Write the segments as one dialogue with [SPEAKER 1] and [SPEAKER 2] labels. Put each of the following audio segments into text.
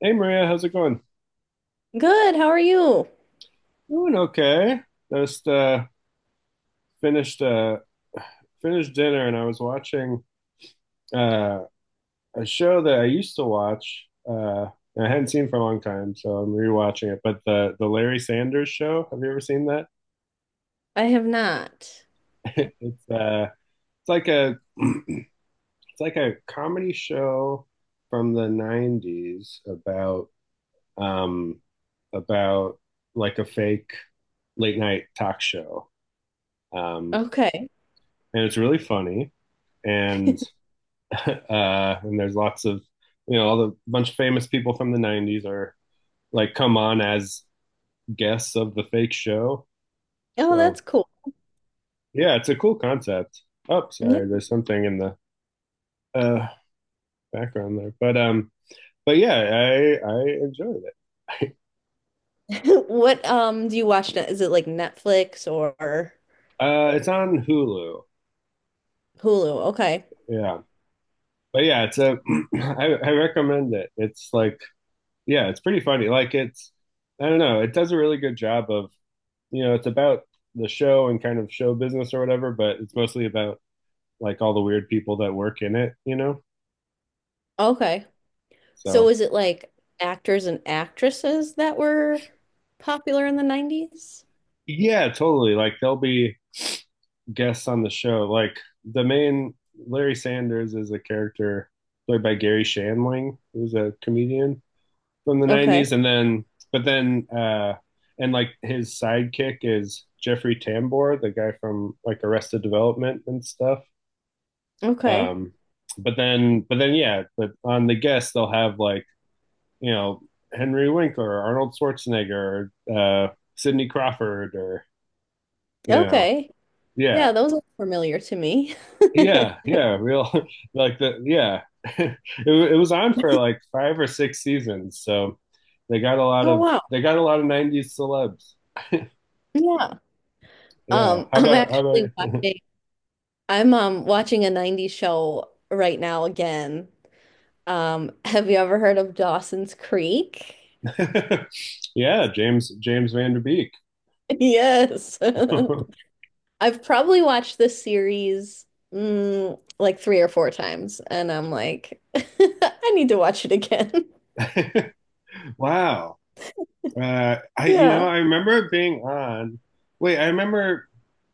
[SPEAKER 1] Hey Maria, how's it going?
[SPEAKER 2] Good. How are you?
[SPEAKER 1] Doing okay. Just finished uh finished dinner and I was watching uh a show that I used to watch and I hadn't seen for a long time, so I'm rewatching it. But the Larry Sanders Show, have you ever seen that?
[SPEAKER 2] I have not.
[SPEAKER 1] It's uh it's like a it's like a comedy show from the 90s about um about like a fake late night talk show. Um
[SPEAKER 2] Okay.
[SPEAKER 1] and it's really funny and and there's lots of all the bunch of famous people from the 90s are like come on as guests of the fake show.
[SPEAKER 2] Oh,
[SPEAKER 1] So
[SPEAKER 2] that's cool.
[SPEAKER 1] yeah, it's a cool concept. Oh, sorry,
[SPEAKER 2] Yeah.
[SPEAKER 1] there's something in the uh background there, but but yeah, I enjoyed it.
[SPEAKER 2] What do you watch now? Is it like Netflix or
[SPEAKER 1] It's on Hulu.
[SPEAKER 2] Hulu? Okay.
[SPEAKER 1] Yeah, but yeah, it's a I recommend it. It's like, yeah, it's pretty funny. Like, it's I don't know, it does a really good job of, it's about the show and kind of show business or whatever, but it's mostly about like all the weird people that work in it, you know?
[SPEAKER 2] Okay. So
[SPEAKER 1] So,
[SPEAKER 2] is it like actors and actresses that were popular in the 90s?
[SPEAKER 1] yeah, totally. Like, there'll be guests on the show. Like, the main Larry Sanders is a character played by Gary Shandling, who's a comedian from the
[SPEAKER 2] Okay.
[SPEAKER 1] 90s. And then, but then, and like his sidekick is Jeffrey Tambor, the guy from like Arrested Development and stuff.
[SPEAKER 2] Okay.
[SPEAKER 1] Um, yeah. But on the guests, they'll have like, you know Henry Winkler, Arnold Schwarzenegger, Sidney Crawford, or you know,
[SPEAKER 2] Okay. Yeah,
[SPEAKER 1] yeah,
[SPEAKER 2] those are familiar to me.
[SPEAKER 1] yeah, yeah, real like the yeah. it, it was on for like five or six seasons, so
[SPEAKER 2] Oh wow.
[SPEAKER 1] they got a lot of '90s celebs.
[SPEAKER 2] Yeah.
[SPEAKER 1] Yeah,
[SPEAKER 2] Um,
[SPEAKER 1] how
[SPEAKER 2] I'm
[SPEAKER 1] about
[SPEAKER 2] actually watching I'm watching a 90s show right now again. Have you ever heard of Dawson's Creek?
[SPEAKER 1] about yeah, James Van Der Beek.
[SPEAKER 2] Yes. I've probably watched this series like three or four times, and I'm like, I need to watch it again.
[SPEAKER 1] Wow. I,
[SPEAKER 2] Yeah.
[SPEAKER 1] I remember being on. Wait, I remember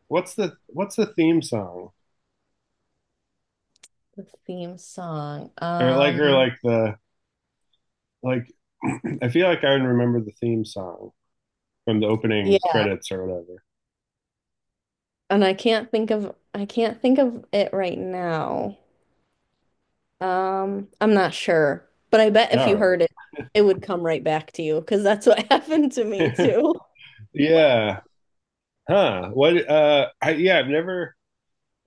[SPEAKER 1] what's the theme song,
[SPEAKER 2] The theme song.
[SPEAKER 1] or like, the like. I feel like I remember the theme song from the opening
[SPEAKER 2] Yeah,
[SPEAKER 1] credits or whatever.
[SPEAKER 2] and I can't think of it right now. I'm not sure, but I bet if you
[SPEAKER 1] All
[SPEAKER 2] heard it, it would come right back to you because that's what happened to me
[SPEAKER 1] right.
[SPEAKER 2] too.
[SPEAKER 1] Yeah. Huh. What? I, yeah. I've never.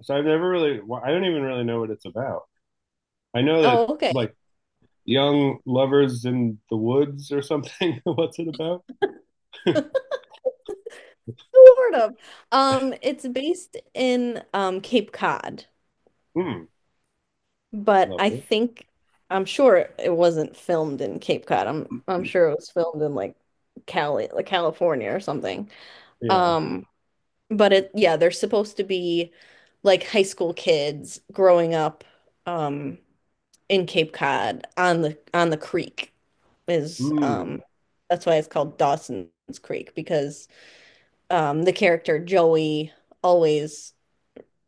[SPEAKER 1] So I've never really. Well, I don't even really know what it's about. I know that,
[SPEAKER 2] Oh, okay.
[SPEAKER 1] like, young lovers in the woods or something. What's it about?
[SPEAKER 2] Sort of. It's based in Cape Cod,
[SPEAKER 1] Hmm.
[SPEAKER 2] but
[SPEAKER 1] Lovely.
[SPEAKER 2] I'm sure it wasn't filmed in Cape Cod. I'm sure it was filmed in like California or something.
[SPEAKER 1] Yeah.
[SPEAKER 2] Um, but it yeah, they're supposed to be like high school kids growing up um in Cape Cod on the creek is
[SPEAKER 1] Hmm.
[SPEAKER 2] that's why it's called Dawson's Creek because the character Joey always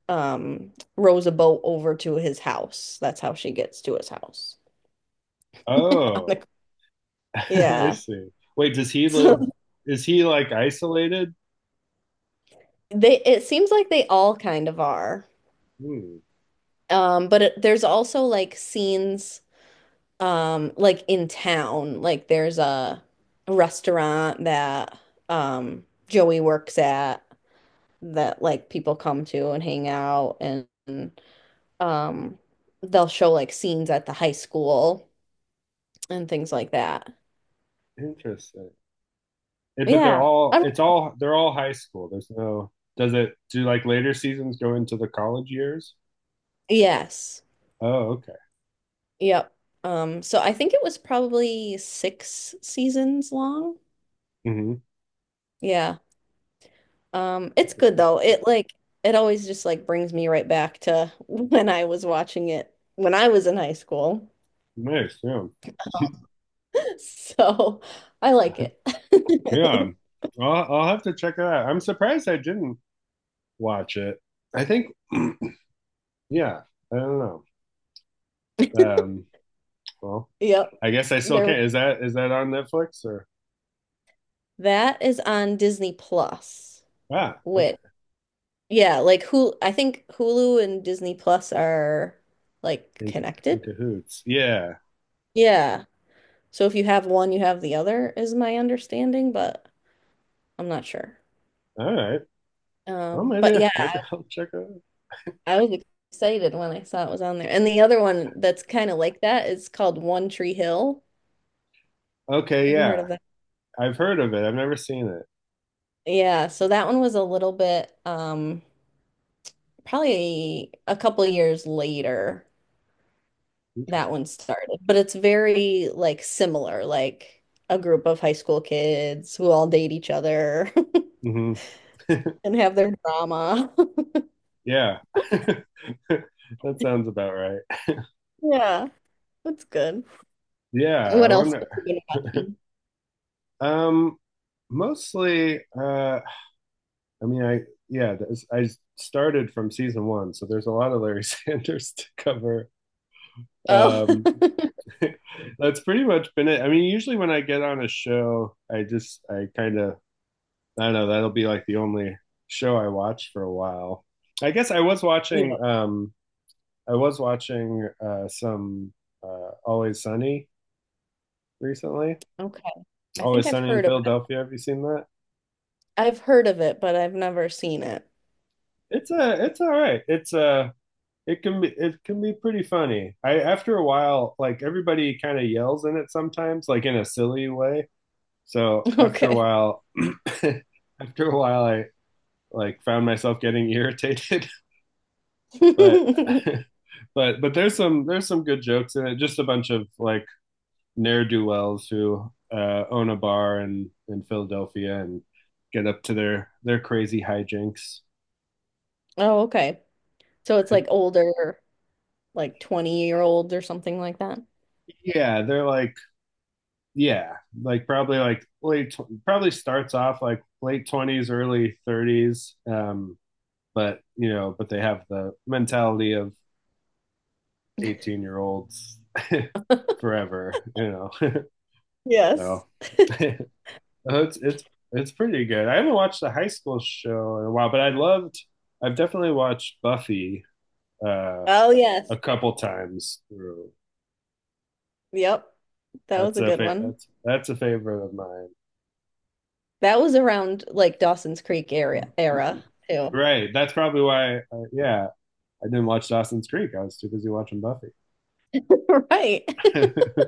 [SPEAKER 2] rows a boat over to his house. That's how she gets to his house.
[SPEAKER 1] Oh. I
[SPEAKER 2] Yeah.
[SPEAKER 1] see. Wait, does he
[SPEAKER 2] So
[SPEAKER 1] live? Is he like isolated?
[SPEAKER 2] they it seems like they all kind of are.
[SPEAKER 1] Hmm,
[SPEAKER 2] But there's also like scenes like in town. Like there's a restaurant that Joey works at that like people come to and hang out and um they'll show like scenes at the high school and things like that.
[SPEAKER 1] interesting. But
[SPEAKER 2] Yeah.
[SPEAKER 1] they're all high school. There's no Does it do like later seasons go into the college years?
[SPEAKER 2] Yes.
[SPEAKER 1] Oh, okay.
[SPEAKER 2] Yep. So I think it was probably six seasons long.
[SPEAKER 1] Hmm.
[SPEAKER 2] Yeah. It's good though. It always just like brings me right back to when I was watching it when I was in high school.
[SPEAKER 1] Nice. Yeah.
[SPEAKER 2] So I like it.
[SPEAKER 1] Yeah. I'll have to check it out. I'm surprised I didn't watch it. I think yeah, I don't know. Um, well,
[SPEAKER 2] Yep.
[SPEAKER 1] I guess I still
[SPEAKER 2] There was
[SPEAKER 1] can't. Is that on Netflix or
[SPEAKER 2] that is on Disney Plus,
[SPEAKER 1] okay.
[SPEAKER 2] which yeah, like Hulu, I think Hulu and Disney Plus are like
[SPEAKER 1] In
[SPEAKER 2] connected.
[SPEAKER 1] cahoots. Yeah.
[SPEAKER 2] Yeah. So if you have one, you have the other, is my understanding, but I'm not sure.
[SPEAKER 1] All right. Well,
[SPEAKER 2] But yeah,
[SPEAKER 1] maybe I'll check it out.
[SPEAKER 2] I was excited when I saw it was on there. And the other one that's kind of like that is called One Tree Hill.
[SPEAKER 1] Okay,
[SPEAKER 2] Have you heard
[SPEAKER 1] yeah.
[SPEAKER 2] of that?
[SPEAKER 1] I've heard of it. I've never seen it.
[SPEAKER 2] Yeah, so that one was a little bit probably a couple of years later
[SPEAKER 1] Okay.
[SPEAKER 2] that one started, but it's very like similar, like a group of high school kids who all date each other
[SPEAKER 1] Hmm.
[SPEAKER 2] and have their drama.
[SPEAKER 1] Yeah. That sounds about right.
[SPEAKER 2] Yeah, that's good.
[SPEAKER 1] Yeah, I
[SPEAKER 2] What else
[SPEAKER 1] wonder.
[SPEAKER 2] have you been watching?
[SPEAKER 1] Um, mostly, I mean, I yeah, this, I started from season one, so there's a lot of Larry Sanders to cover.
[SPEAKER 2] Oh,
[SPEAKER 1] Um, that's pretty much been it. I mean, usually when I get on a show, I just, I kind of, I don't know. That'll be like the only show I watch for a while. I guess I was
[SPEAKER 2] yeah.
[SPEAKER 1] watching. Some Always Sunny recently.
[SPEAKER 2] Okay. I think
[SPEAKER 1] Always
[SPEAKER 2] I've
[SPEAKER 1] Sunny in
[SPEAKER 2] heard of it.
[SPEAKER 1] Philadelphia. Have you seen that?
[SPEAKER 2] I've heard of it, but I've never seen it.
[SPEAKER 1] It's a. It's all right. It's a. It can be. It can be pretty funny. I After a while, like, everybody kind of yells in it sometimes, like in a silly way. So after a
[SPEAKER 2] Okay.
[SPEAKER 1] while, after a while, I like found myself getting irritated. But but there's some good jokes in it. Just a bunch of like ne'er do wells who own a bar in Philadelphia and get up to their crazy hijinks.
[SPEAKER 2] Oh, okay. So it's like older, like 20-year-olds or something like that.
[SPEAKER 1] Yeah, they're like, yeah, like probably like late, probably starts off like late 20s, early 30s. But they have the mentality of 18-year-olds forever. You know,
[SPEAKER 2] Yes.
[SPEAKER 1] so oh, it's pretty good. I haven't watched the high school show in a while, but I loved. I've definitely watched Buffy uh,
[SPEAKER 2] Oh,
[SPEAKER 1] a
[SPEAKER 2] yes.
[SPEAKER 1] couple times through.
[SPEAKER 2] Yep. That was a good one.
[SPEAKER 1] That's a favorite of mine.
[SPEAKER 2] That was around like Dawson's Creek area era too.
[SPEAKER 1] Right. That's probably why. Yeah, I didn't watch Dawson's Creek. I was too busy watching Buffy.
[SPEAKER 2] Right.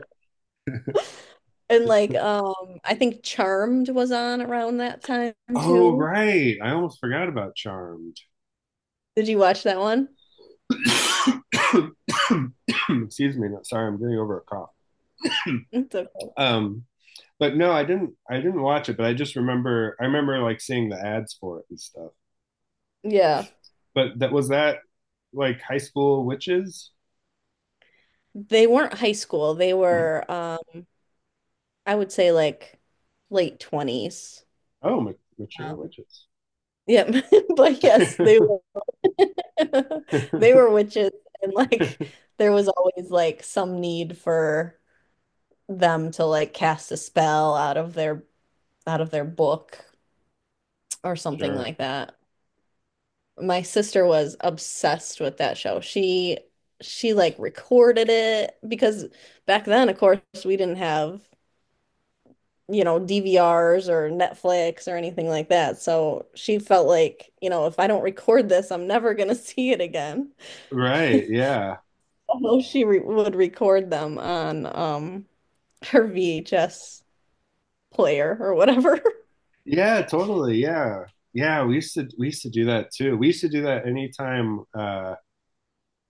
[SPEAKER 2] And like I think Charmed was on around that time
[SPEAKER 1] Oh,
[SPEAKER 2] too.
[SPEAKER 1] right. I almost forgot about Charmed.
[SPEAKER 2] Did you watch that one?
[SPEAKER 1] Excuse me. No- Sorry, I'm getting over a cough.
[SPEAKER 2] It's okay.
[SPEAKER 1] Um, But no, I didn't watch it, but I just remember, I remember like seeing the ads for it and stuff.
[SPEAKER 2] Yeah.
[SPEAKER 1] But that was that, like, high school witches?
[SPEAKER 2] They weren't high school. They were, I would say like late 20s.
[SPEAKER 1] Oh, mature
[SPEAKER 2] Um,
[SPEAKER 1] witches.
[SPEAKER 2] yeah. But yes, they were they were witches and like there was always like some need for them to like cast a spell out of their book or something
[SPEAKER 1] Sure.
[SPEAKER 2] like that. My sister was obsessed with that show. She like recorded it because back then, of course, we didn't have you know, DVRs or Netflix or anything like that. So she felt like, you know, if I don't record this, I'm never gonna see it again.
[SPEAKER 1] Right. Yeah.
[SPEAKER 2] Although she re would record them on her VHS player or whatever.
[SPEAKER 1] Yeah, totally. Yeah. Yeah, we used to do that too. We used to do that anytime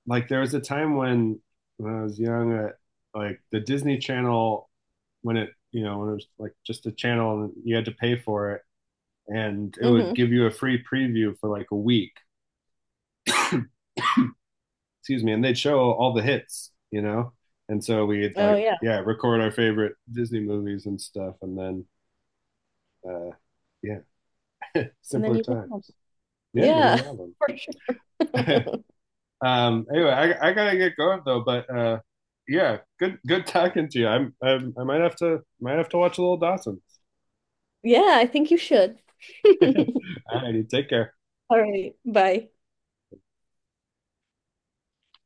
[SPEAKER 1] like there was a time when I was young, like the Disney Channel when, it you know when it was like just a channel and you had to pay for it, and it would
[SPEAKER 2] Hmm.
[SPEAKER 1] give you a free preview for like a week. Excuse me, and they'd show all the hits, you know. And so we'd
[SPEAKER 2] Oh
[SPEAKER 1] like,
[SPEAKER 2] yeah.
[SPEAKER 1] yeah, record our favorite Disney movies and stuff, and then, uh, yeah,
[SPEAKER 2] And then
[SPEAKER 1] simpler
[SPEAKER 2] you have
[SPEAKER 1] times.
[SPEAKER 2] them.
[SPEAKER 1] Yeah, then
[SPEAKER 2] Yeah,
[SPEAKER 1] you
[SPEAKER 2] for
[SPEAKER 1] have them.
[SPEAKER 2] sure.
[SPEAKER 1] Anyway, I gotta get going though, but yeah, good talking to you. I'm I might have to, watch a little Dawson.
[SPEAKER 2] Yeah, I think you should.
[SPEAKER 1] All righty, take care.
[SPEAKER 2] All right, bye.